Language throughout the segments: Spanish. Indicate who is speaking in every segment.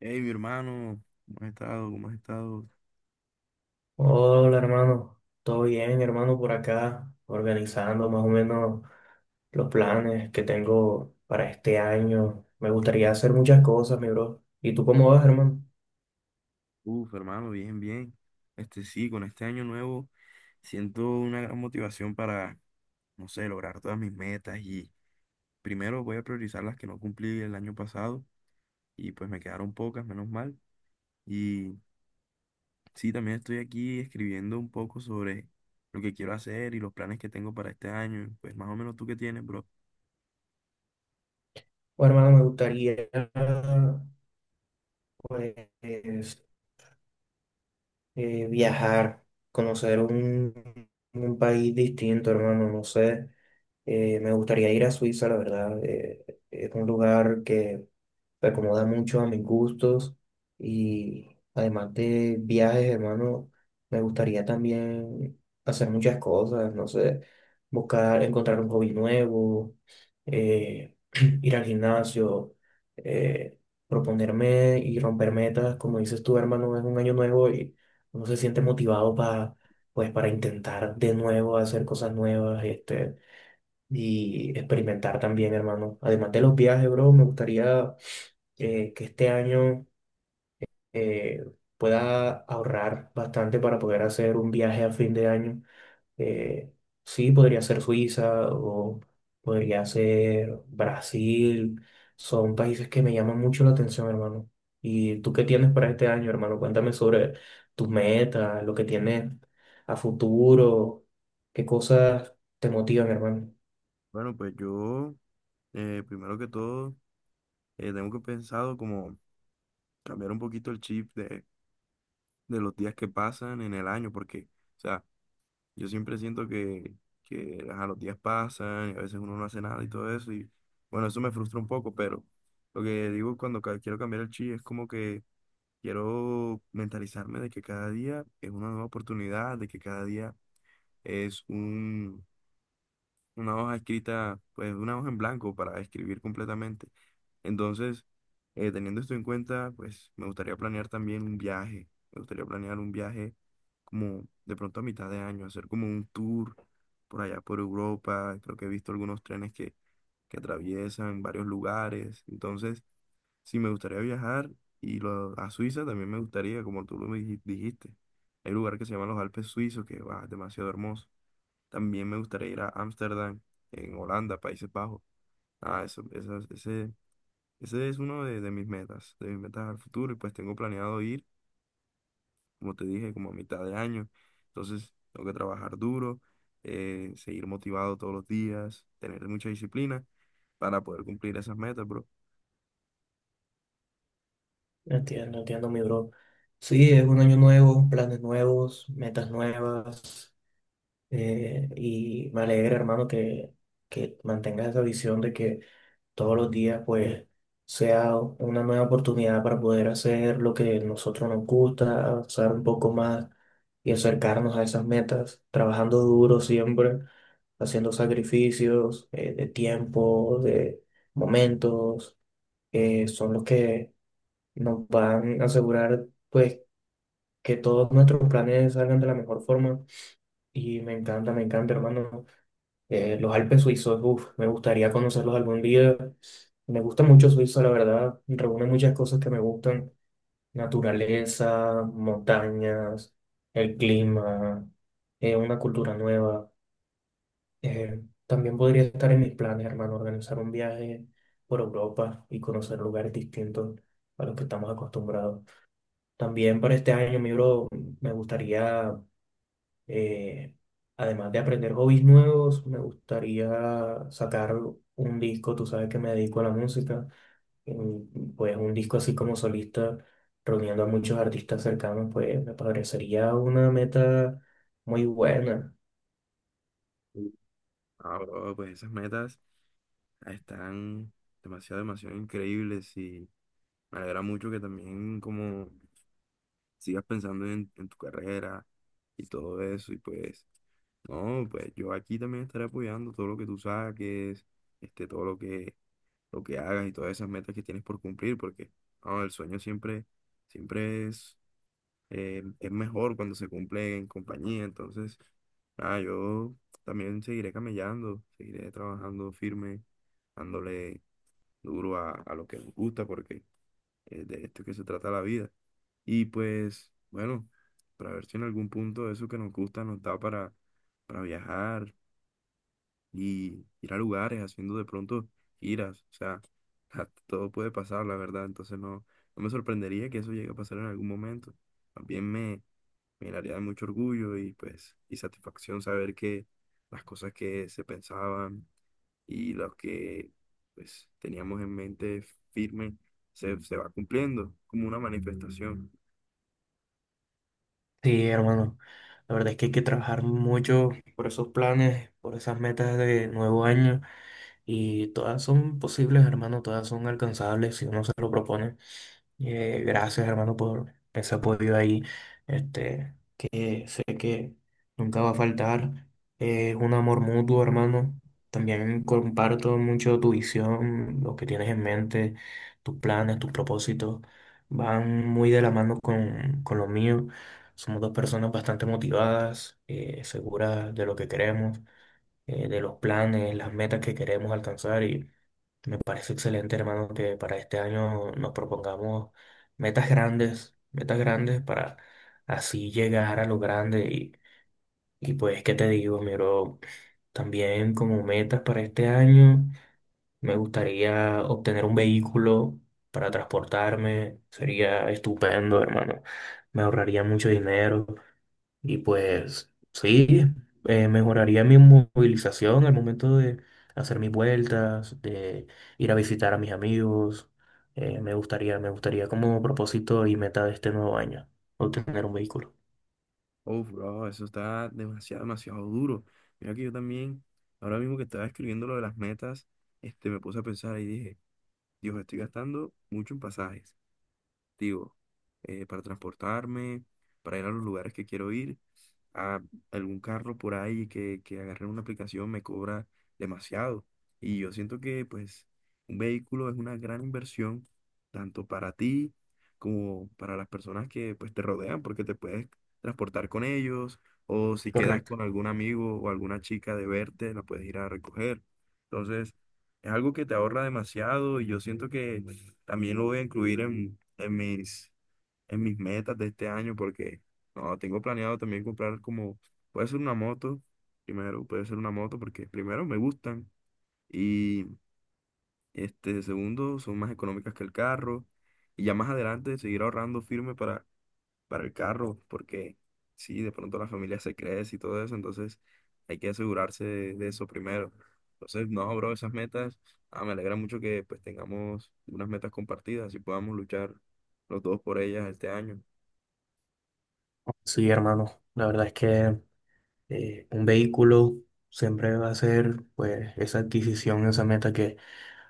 Speaker 1: Hey, mi hermano, ¿cómo has estado? ¿Cómo has estado?
Speaker 2: Hola hermano, todo bien hermano por acá, organizando más o menos los planes que tengo para este año. Me gustaría hacer muchas cosas, mi bro. ¿Y tú cómo vas, hermano?
Speaker 1: Hermano, bien, bien. Este sí, con este año nuevo siento una gran motivación para, no sé, lograr todas mis metas y primero voy a priorizar las que no cumplí el año pasado y pues me quedaron pocas, menos mal. Y sí, también estoy aquí escribiendo un poco sobre lo que quiero hacer y los planes que tengo para este año. Pues más o menos tú qué tienes, bro.
Speaker 2: Oh, hermano, me gustaría pues viajar, conocer un país distinto, hermano, no sé. Me gustaría ir a Suiza, la verdad. Es un lugar que se acomoda mucho a mis gustos y además de viajes, hermano, me gustaría también hacer muchas cosas, no sé, buscar, encontrar un hobby nuevo, eh, ir al gimnasio, eh, proponerme y romper metas, como dices tú, hermano, es un año nuevo y uno se siente motivado para, pues, para intentar de nuevo hacer cosas nuevas, este, y experimentar también, hermano. Además de los viajes, bro, me gustaría que este año eh, pueda ahorrar bastante para poder hacer un viaje a fin de año. Eh, sí, podría ser Suiza o podría ser Brasil. Son países que me llaman mucho la atención, hermano. ¿Y tú qué tienes para este año, hermano? Cuéntame sobre tus metas, lo que tienes a futuro, qué cosas te motivan, hermano.
Speaker 1: Bueno, pues yo, primero que todo, tengo que pensado como cambiar un poquito el chip de los días que pasan en el año, porque, o sea, yo siempre siento que ajá, los días pasan y a veces uno no hace nada y todo eso, y bueno, eso me frustra un poco, pero lo que digo cuando quiero cambiar el chi es como que quiero mentalizarme de que cada día es una nueva oportunidad, de que cada día es una hoja escrita, pues una hoja en blanco para escribir completamente. Entonces, teniendo esto en cuenta, pues me gustaría planear también un viaje. Me gustaría planear un viaje como de pronto a mitad de año, hacer como un tour por allá por Europa. Creo que he visto algunos trenes que atraviesan varios lugares. Entonces, sí, me gustaría viajar y a Suiza también me gustaría, como tú lo dijiste. Hay un lugar que se llama los Alpes Suizos, que va, es demasiado hermoso. También me gustaría ir a Ámsterdam, en Holanda, Países Bajos. Ese, ese es uno de mis metas al futuro. Y pues tengo planeado ir, como te dije, como a mitad de año. Entonces, tengo que trabajar duro, seguir motivado todos los días, tener mucha disciplina para poder cumplir esas metas, bro.
Speaker 2: Entiendo, entiendo, mi bro. Sí, es un año nuevo, planes nuevos, metas nuevas. Y me alegra, hermano, que mantengas esa visión de que todos los días, pues, sea una nueva oportunidad para poder hacer lo que nosotros nos gusta, avanzar un poco más y acercarnos a esas metas, trabajando duro siempre, haciendo sacrificios, de tiempo, de momentos, que son los que nos van a asegurar pues que todos nuestros planes salgan de la mejor forma y me encanta hermano. Los Alpes suizos, uf, me gustaría conocerlos algún día. Me gusta mucho Suiza, la verdad, reúne muchas cosas que me gustan, naturaleza, montañas, el clima, una cultura nueva. También podría estar en mis planes, hermano, organizar un viaje por Europa y conocer lugares distintos a los que estamos acostumbrados. También para este año, mi bro, me gustaría, eh, además de aprender hobbies nuevos, me gustaría sacar un disco, tú sabes que me dedico a la música, mm, pues un disco así como solista, reuniendo a muchos artistas cercanos, pues me parecería una meta muy buena.
Speaker 1: Sí. Ah, bro, pues esas metas están demasiado, demasiado increíbles y me alegra mucho que también como sigas pensando en tu carrera y todo eso. Y pues, no, pues yo aquí también estaré apoyando todo lo que tú saques, este, todo lo lo que hagas y todas esas metas que tienes por cumplir, porque no, el sueño siempre, siempre es mejor cuando se cumple en compañía. Entonces, nada, yo también seguiré camellando, seguiré trabajando firme, dándole duro a lo que nos gusta, porque de esto es que se trata la vida. Y pues, bueno, para ver si en algún punto eso que nos gusta nos da para viajar y ir a lugares haciendo de pronto giras. O sea, todo puede pasar, la verdad. Entonces no, no me sorprendería que eso llegue a pasar en algún momento. También me, me llenaría de mucho orgullo y pues, y satisfacción saber que las cosas que se pensaban y lo que pues teníamos en mente firme se va cumpliendo como una manifestación.
Speaker 2: Sí, hermano, la verdad es que hay que trabajar mucho por esos planes, por esas metas de nuevo año, y todas son posibles, hermano, todas son alcanzables si uno se lo propone. Gracias, hermano, por ese apoyo ahí, este, que sé que nunca va a faltar. Es un amor mutuo, hermano. También comparto mucho tu visión, lo que tienes en mente, tus planes, tus propósitos. Van muy de la mano con lo mío. Somos dos personas bastante motivadas, seguras de lo que queremos, de los planes, las metas que queremos alcanzar. Me parece excelente, hermano, que para este año nos propongamos metas grandes para así llegar a lo grande. Y pues, ¿qué te digo, mi bro? También como metas para este año, me gustaría obtener un vehículo para transportarme. Sería estupendo, hermano. Me ahorraría mucho dinero. Y pues sí, mejoraría mi movilización al momento de hacer mis vueltas, de ir a visitar a mis amigos. Me gustaría, me gustaría como propósito y meta de este nuevo año, obtener un vehículo.
Speaker 1: Uf, bro, eso está demasiado, demasiado duro. Mira que yo también, ahora mismo que estaba escribiendo lo de las metas, este, me puse a pensar y dije, Dios, estoy gastando mucho en pasajes digo, para transportarme, para ir a los lugares que quiero ir. A algún carro por ahí que agarre una aplicación me cobra demasiado. Y yo siento que pues un vehículo es una gran inversión, tanto para ti como para las personas que pues te rodean, porque te puedes transportar con ellos o si quedas
Speaker 2: Correcto.
Speaker 1: con algún amigo o alguna chica de verte, la puedes ir a recoger. Entonces, es algo que te ahorra demasiado y yo siento que también lo voy a incluir en en mis metas de este año porque no, tengo planeado también comprar como, puede ser una moto, primero, puede ser una moto porque primero me gustan y este, segundo, son más económicas que el carro y ya más adelante seguir ahorrando firme para el carro, porque sí, de pronto la familia se crece y todo eso, entonces hay que asegurarse de eso primero. Entonces, no, bro, esas metas, ah, me alegra mucho que pues tengamos unas metas compartidas y podamos luchar los dos por ellas este año.
Speaker 2: Sí, hermano, la verdad es que un vehículo siempre va a ser pues esa adquisición, esa meta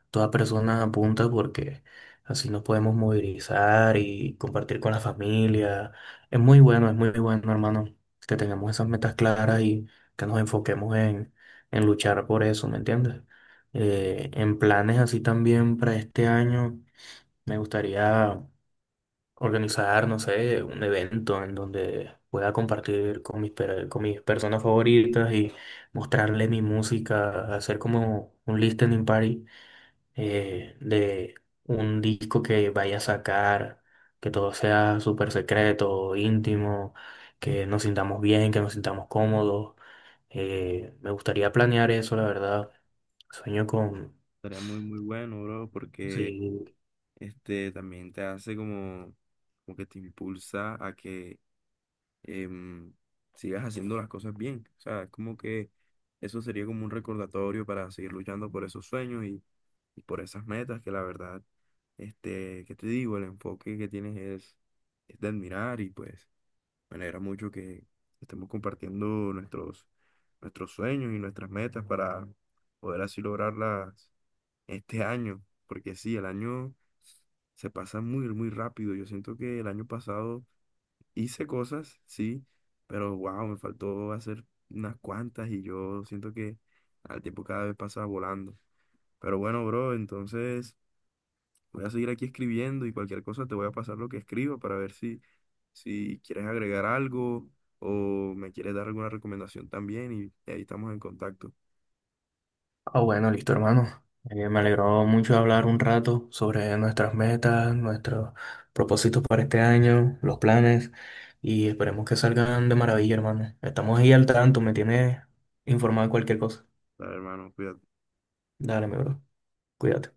Speaker 2: toda persona apunta porque así nos podemos movilizar y compartir con la familia. Es muy bueno, hermano, que tengamos esas metas claras y que nos enfoquemos en luchar por eso, ¿me entiendes? En planes así también para este año, me gustaría organizar, no sé, un evento en donde pueda compartir con mis, per- con mis personas favoritas y mostrarle mi música, hacer como un listening party, de un disco que vaya a sacar, que todo sea súper secreto, íntimo, que nos sintamos bien, que nos sintamos cómodos. Me gustaría planear eso, la verdad. Sueño con...
Speaker 1: Estaría muy, muy bueno, bro, porque
Speaker 2: Sí.
Speaker 1: este también te hace como, como que te impulsa a que em, sigas haciendo las cosas bien. O sea, es como que eso sería como un recordatorio para seguir luchando por esos sueños y por esas metas que la verdad, este, que te digo, el enfoque que tienes es de admirar y pues me alegra mucho que estemos compartiendo nuestros, nuestros sueños y nuestras metas para poder así lograrlas este año, porque sí, el año se pasa muy, muy rápido. Yo siento que el año pasado hice cosas, sí, pero wow, me faltó hacer unas cuantas y yo siento que al tiempo cada vez pasa volando. Pero bueno, bro, entonces voy a seguir aquí escribiendo y cualquier cosa te voy a pasar lo que escribo para ver si, si quieres agregar algo o me quieres dar alguna recomendación también y ahí estamos en contacto.
Speaker 2: Ah, bueno, listo, hermano. Me alegró mucho hablar un rato sobre nuestras metas, nuestros propósitos para este año, los planes, y esperemos que salgan de maravilla, hermano. Estamos ahí al tanto, me tienes informado de cualquier cosa.
Speaker 1: Dale, hermano, cuídate.
Speaker 2: Dale, mi bro. Cuídate.